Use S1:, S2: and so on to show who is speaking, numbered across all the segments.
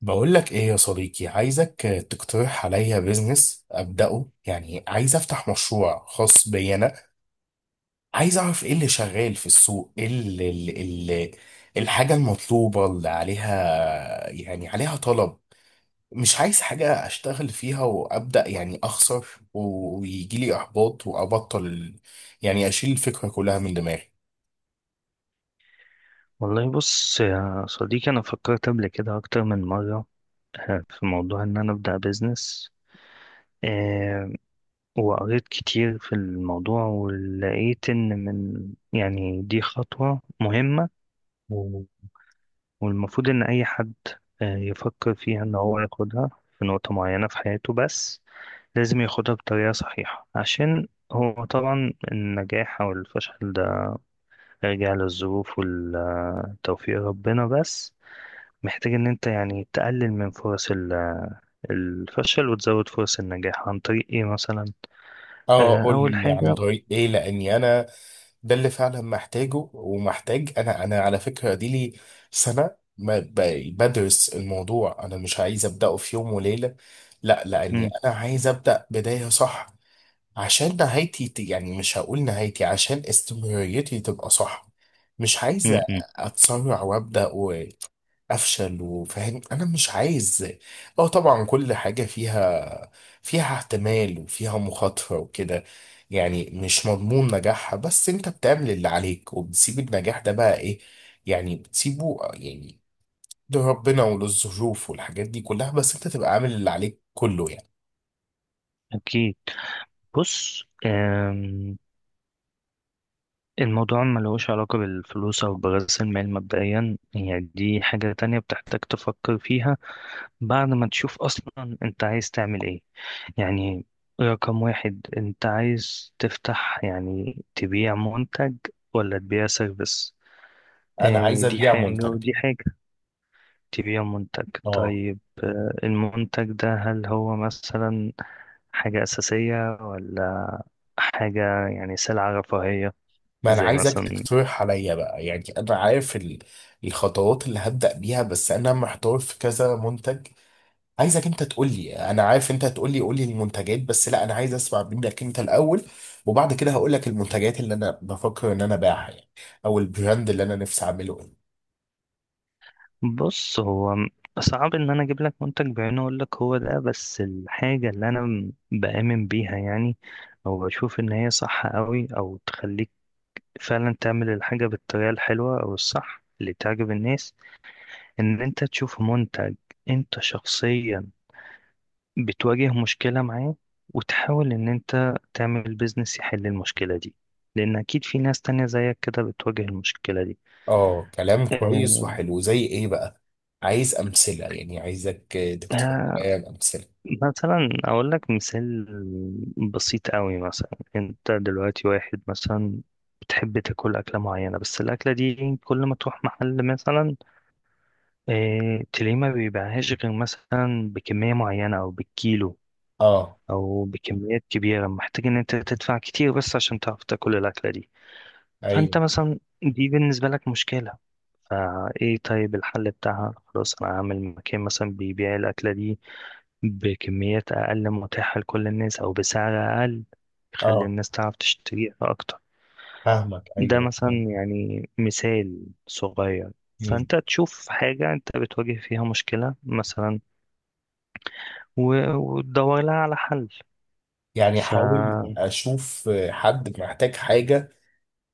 S1: بقول لك ايه يا صديقي؟ عايزك تقترح عليا بيزنس ابداه، يعني عايز افتح مشروع خاص بي انا. عايز اعرف ايه اللي شغال في السوق، ايه اللي الحاجه المطلوبه اللي عليها، يعني عليها طلب. مش عايز حاجه اشتغل فيها وابدا يعني اخسر ويجي لي احباط وابطل، يعني اشيل الفكره كلها من دماغي.
S2: والله بص يا صديقي، أنا فكرت قبل كده أكتر من مرة في موضوع إن أنا أبدأ بيزنس. آه، وقريت كتير في الموضوع، ولقيت إن من يعني دي خطوة مهمة. و- والمفروض إن أي حد يفكر فيها إن هو ياخدها في نقطة معينة في حياته، بس لازم ياخدها بطريقة صحيحة، عشان هو طبعا النجاح أو الفشل ده راجع للظروف والتوفيق ربنا. بس محتاج ان انت يعني تقلل من فرص الفشل وتزود فرص النجاح عن طريق ايه مثلا.
S1: اه، قول
S2: اول
S1: لي عن
S2: حاجة.
S1: طريق ايه، لاني ده اللي فعلا محتاجه ومحتاج. انا على فكره دي لي سنه ما ب- بدرس الموضوع، انا مش عايز ابداه في يوم وليله. لا، لاني
S2: مم،
S1: انا عايز ابدا بدايه صح، عشان يعني مش هقول نهايتي، عشان استمراريتي تبقى صح. مش عايز
S2: مم، مم،
S1: اتسرع وابدا افشل، وفاهم انا مش عايز. اه طبعا كل حاجه فيها احتمال وفيها مخاطره وكده، يعني مش مضمون نجاحها، بس انت بتعمل اللي عليك وبتسيب النجاح ده بقى ايه، يعني بتسيبه يعني لربنا وللظروف والحاجات دي كلها، بس انت تبقى عامل اللي عليك كله يعني.
S2: اكيد. بص، الموضوع ما لهوش علاقة بالفلوس او برأس المال مبدئيا، يعني دي حاجة تانية بتحتاج تفكر فيها بعد ما تشوف اصلا انت عايز تعمل ايه. يعني رقم واحد، انت عايز تفتح يعني تبيع منتج ولا تبيع سيرفيس؟
S1: انا عايز
S2: دي
S1: ابيع
S2: حاجة
S1: منتج.
S2: ودي حاجة. تبيع منتج
S1: اه،
S2: طيب. المنتج ده هل هو مثلا حاجة أساسية ولا حاجة يعني سلعة رفاهية
S1: ما انا
S2: زي
S1: عايزك
S2: مثلا؟
S1: تقترح عليا بقى، يعني انا عارف الخطوات اللي هبدأ بيها، بس انا محتار في كذا منتج. عايزك انت تقول لي، انا عارف انت تقول لي قول لي المنتجات، بس لا انا عايز اسمع منك انت الاول، وبعد كده هقول لك المنتجات اللي انا بفكر ان انا ابيعها يعني، او البراند اللي انا نفسي اعمله ايه.
S2: بص هو صعب إن أنا أجيب لك منتج بعينه أقول لك هو ده، بس الحاجة اللي أنا بآمن بيها يعني، أو بشوف إن هي صح أوي أو تخليك فعلا تعمل الحاجة بالطريقة الحلوة أو الصح اللي تعجب الناس، إن أنت تشوف منتج أنت شخصيا بتواجه مشكلة معاه، وتحاول إن أنت تعمل بيزنس يحل المشكلة دي، لأن أكيد في ناس تانية زيك كده بتواجه المشكلة دي.
S1: اه كلام كويس
S2: آه،
S1: وحلو. زي ايه بقى؟ عايز امثله، يعني عايزك تقترح
S2: آه،
S1: لي امثله.
S2: مثلا أقول لك مثال بسيط قوي. مثلا أنت دلوقتي واحد مثلا بتحب تاكل أكلة معينة، بس الأكلة دي كل ما تروح محل مثلا تلاقيه ما بيبيعهاش غير مثلا بكمية معينة أو بالكيلو
S1: اه.
S2: أو بكميات كبيرة، محتاج إن أنت تدفع كتير بس عشان تعرف تاكل الأكلة دي.
S1: ايوه.
S2: فانت مثلا دي بالنسبة لك مشكلة. فايه طيب الحل بتاعها؟ خلاص انا هعمل مكان مثلا بيبيع الاكلة دي بكميات اقل متاحة لكل الناس او بسعر اقل يخلي
S1: اه
S2: الناس تعرف تشتريها اكتر.
S1: فاهمك،
S2: ده
S1: ايوه
S2: مثلا
S1: تمام.
S2: يعني مثال صغير.
S1: مم.
S2: فانت تشوف حاجة انت بتواجه فيها مشكلة مثلا وتدور لها على حل.
S1: يعني حاول اشوف حد محتاج حاجه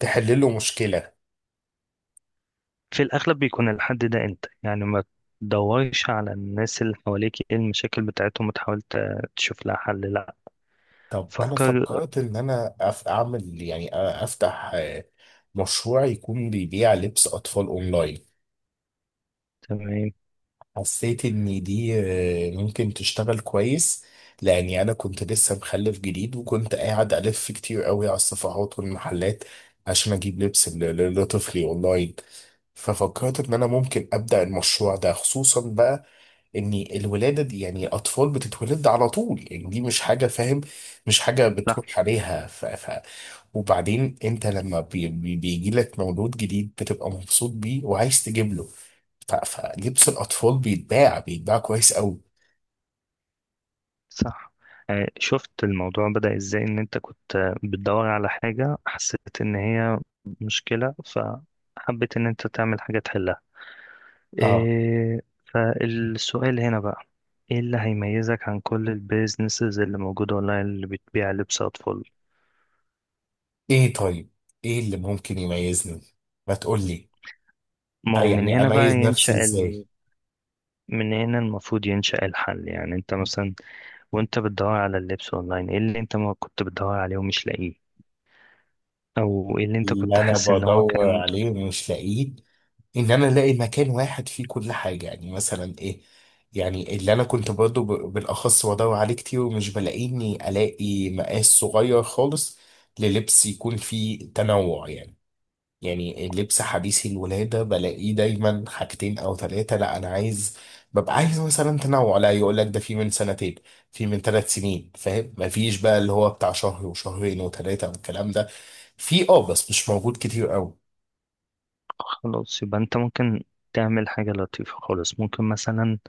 S1: تحل له مشكله.
S2: في الأغلب بيكون الحد ده أنت، يعني ما تدورش على الناس اللي حواليك إيه المشاكل بتاعتهم وتحاول تشوف لها حل لأ.
S1: طب انا
S2: فكر.
S1: فكرت ان انا اعمل، يعني افتح مشروع يكون بيبيع لبس اطفال اونلاين.
S2: تمام.
S1: حسيت ان دي ممكن تشتغل كويس، لاني انا كنت لسه مخلف جديد وكنت قاعد الف كتير قوي على الصفحات والمحلات عشان اجيب لبس لطفلي اونلاين. ففكرت ان انا ممكن ابدا المشروع ده، خصوصا بقى ان الولاده دي يعني اطفال بتتولد على طول، يعني دي مش حاجه، فاهم، مش حاجه
S2: صح.
S1: بتروح عليها. وبعدين انت لما بي بي بيجي لك مولود جديد بتبقى مبسوط بيه وعايز تجيب له. فلبس الاطفال بيتباع كويس قوي.
S2: صح. شفت الموضوع بدأ إزاي؟ إن أنت كنت بتدور على حاجة حسيت إن هي مشكلة، فحبيت إن أنت تعمل حاجة تحلها.
S1: اه.
S2: إيه فالسؤال هنا بقى، إيه اللي هيميزك عن كل البيزنسز اللي موجودة أونلاين اللي بتبيع لبس أطفال؟
S1: ايه طيب، ايه اللي ممكن يميزني؟ ما تقول لي.
S2: ما هو من
S1: يعني
S2: هنا بقى
S1: اميز نفسي
S2: ينشأ.
S1: ازاي.
S2: من هنا المفروض ينشأ الحل. يعني انت مثلا وانت بتدور على اللبس اونلاين ايه اللي انت ما كنت بتدور عليه ومش لاقيه، او ايه اللي انت كنت
S1: اللي انا
S2: حاسس ان هو
S1: بدور
S2: كان.
S1: عليه ومش لاقيه ان انا الاقي مكان واحد فيه كل حاجه، يعني مثلا ايه، يعني اللي انا كنت برضو بالاخص بدور عليه كتير ومش بلاقيه، اني الاقي مقاس صغير خالص، للبس يكون فيه تنوع يعني. يعني اللبس حديث الولاده بلاقيه دايما حاجتين او ثلاثه، لا انا عايز، ببقى عايز مثلا تنوع، لا يقول لك ده في من سنتين، في من ثلاث سنين، فاهم، مفيش بقى اللي هو بتاع شهر وشهرين وثلاثه والكلام ده. في اه، بس مش موجود كتير قوي.
S2: خلاص يبقى انت ممكن تعمل حاجة لطيفة خالص. ممكن مثلا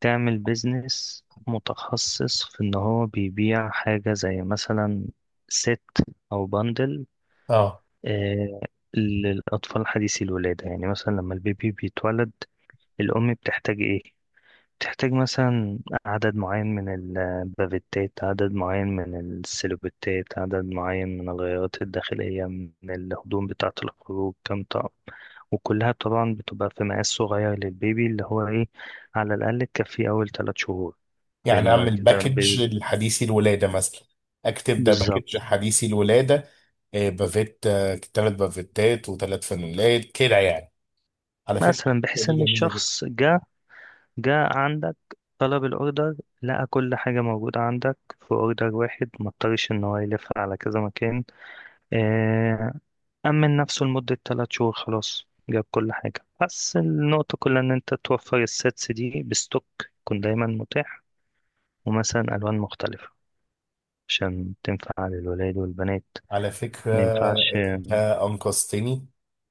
S2: تعمل بيزنس متخصص في ان هو بيبيع حاجة زي مثلا ست او بندل آه للأطفال حديثي الولادة. يعني مثلا لما البيبي بيتولد الأم بتحتاج ايه؟ تحتاج مثلا عدد معين من البافيتات، عدد معين من السيلوبيتات، عدد معين من الغيارات الداخلية، من الهدوم بتاعة الخروج كام طقم، وكلها طبعا بتبقى في مقاس صغير للبيبي اللي هو ايه على الأقل تكفيه أول 3 شهور.
S1: يعني
S2: لأن بعد
S1: اعمل
S2: كده
S1: باكج
S2: البيبي
S1: لحديثي الولاده مثلا، اكتب ده باكج
S2: بالظبط.
S1: حديثي الولاده. بافيت، ثلاث بافيتات وثلاث فانيلات كده يعني. على فكره
S2: مثلا
S1: الفكرة
S2: بحيث
S1: دي
S2: إن
S1: جميله.
S2: الشخص جه عندك، طلب الأوردر، لقى كل حاجة موجودة عندك في أوردر واحد مضطرش إن هو يلف على كذا مكان. آه، أمن نفسه لمدة 3 شهور، خلاص جاب كل حاجة. بس النقطة كلها إن أنت توفر السيتس دي بستوك، يكون دايما متاح، ومثلا ألوان مختلفة عشان تنفع للولاد والبنات.
S1: على فكرة
S2: ما ينفعش.
S1: أنت أنقذتني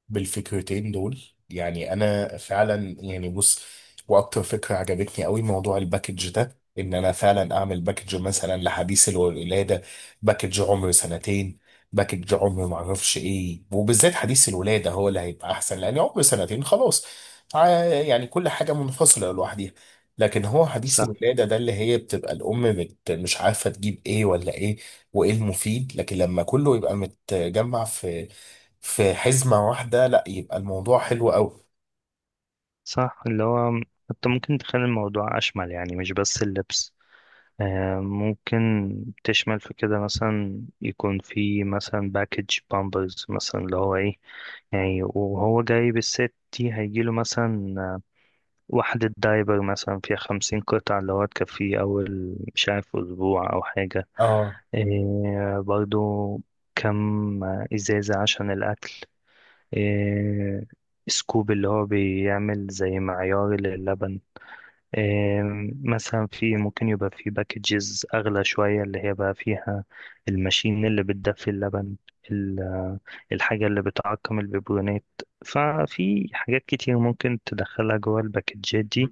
S1: بالفكرتين دول. يعني أنا فعلا يعني بص، وأكتر فكرة عجبتني قوي موضوع الباكج ده، إن أنا فعلا أعمل باكج مثلا لحديث الولادة، باكج عمر سنتين، باكج عمر معرفش إيه. وبالذات حديث الولادة هو اللي هيبقى أحسن، لأن عمر سنتين خلاص يعني كل حاجة منفصلة لوحدها. لكن هو حديث
S2: صح.
S1: الولادة ده اللي هي بتبقى الأم مش عارفة تجيب إيه ولا إيه وايه المفيد. لكن لما كله يبقى متجمع في في حزمة واحدة، لا يبقى الموضوع حلو قوي.
S2: صح اللي هو أنت ممكن تخلي الموضوع أشمل، يعني مش بس اللبس. ممكن تشمل في كده مثلا، يكون في مثلا باكج بامبرز مثلا اللي هو ايه، يعني وهو جاي بالست دي هيجيله مثلا وحدة دايبر مثلا فيها 50 قطعة اللي هو تكفيه أول مش عارف أسبوع أو حاجة.
S1: اه،
S2: إيه برضو كم إزازة عشان الأكل، إيه سكوب اللي هو بيعمل زي معيار للبن، إيه مثلا. في ممكن يبقى في باكجز أغلى شوية اللي هي بقى فيها الماشين اللي بتدفي اللبن، ال- الحاجة اللي بتعقم البيبرونات. ففي حاجات كتير ممكن تدخلها جوه الباكجات دي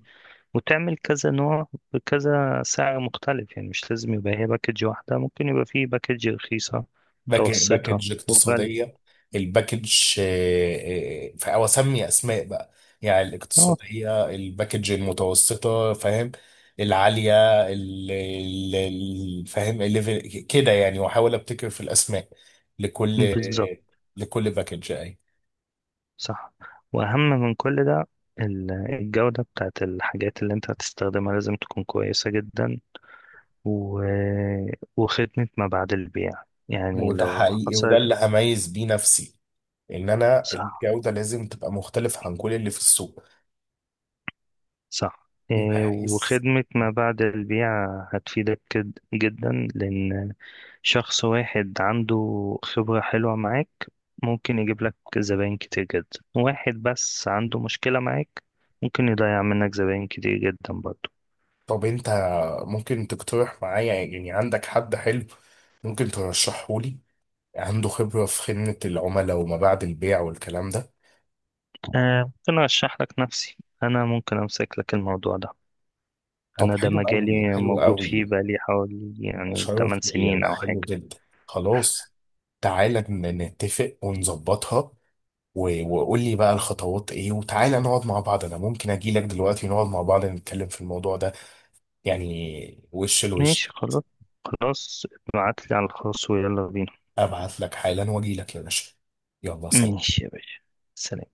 S2: وتعمل كذا نوع بكذا سعر مختلف. يعني مش لازم يبقى هي باكج واحدة، ممكن يبقى فيه باكج رخيصة، متوسطة،
S1: باكج
S2: وغالية.
S1: اقتصادية. الباكج او اسمي اسماء بقى، يعني
S2: اه
S1: الاقتصادية، الباكج المتوسطة، فاهم، العالية، فاهم الليفل كده يعني، واحاول ابتكر في الاسماء لكل،
S2: بالظبط.
S1: لكل باكج اي.
S2: صح. وأهم من كل ده الجودة بتاعت الحاجات اللي انت هتستخدمها لازم تكون كويسة جدا، و... وخدمة ما بعد البيع. يعني
S1: وده
S2: لو
S1: حقيقي، وده
S2: حصلت.
S1: اللي هميز بيه نفسي، ان انا
S2: صح.
S1: الجودة لازم تبقى مختلفة عن كل اللي في السوق.
S2: صح.
S1: انت
S2: إيه،
S1: عايز.
S2: وخدمة ما بعد البيع هتفيدك جدا، لأن شخص واحد عنده خبرة حلوة معاك ممكن يجيب لك زباين كتير جدا، واحد بس عنده مشكلة معاك ممكن يضيع منك زباين كتير جدا برضو.
S1: طب انت ممكن تقترح معايا، يعني عندك حد حلو ممكن ترشحه لي، عنده خبرة في خدمة العملاء وما بعد البيع والكلام ده؟
S2: آه ممكن أرشح لك نفسي. أنا ممكن أمسك لك الموضوع ده.
S1: طب
S2: أنا ده
S1: حلو قوي،
S2: مجالي
S1: حلو
S2: موجود فيه
S1: قوي.
S2: بقالي حوالي
S1: ده
S2: يعني
S1: شرف
S2: 8
S1: ليا،
S2: سنين
S1: ده
S2: أو حاجة.
S1: حلو جدا. خلاص، تعالى نتفق ونظبطها، وقول لي بقى الخطوات ايه، وتعالى نقعد مع بعض، انا ممكن اجي لك دلوقتي نقعد مع بعض نتكلم في الموضوع ده، يعني وش
S2: ماشي
S1: لوش.
S2: خلاص. خلاص، ابعتلي على الخاص ويلا بينا.
S1: ابعت لك حالا واجي لك يا باشا. يلا سلام.
S2: ماشي يا باشا، سلام.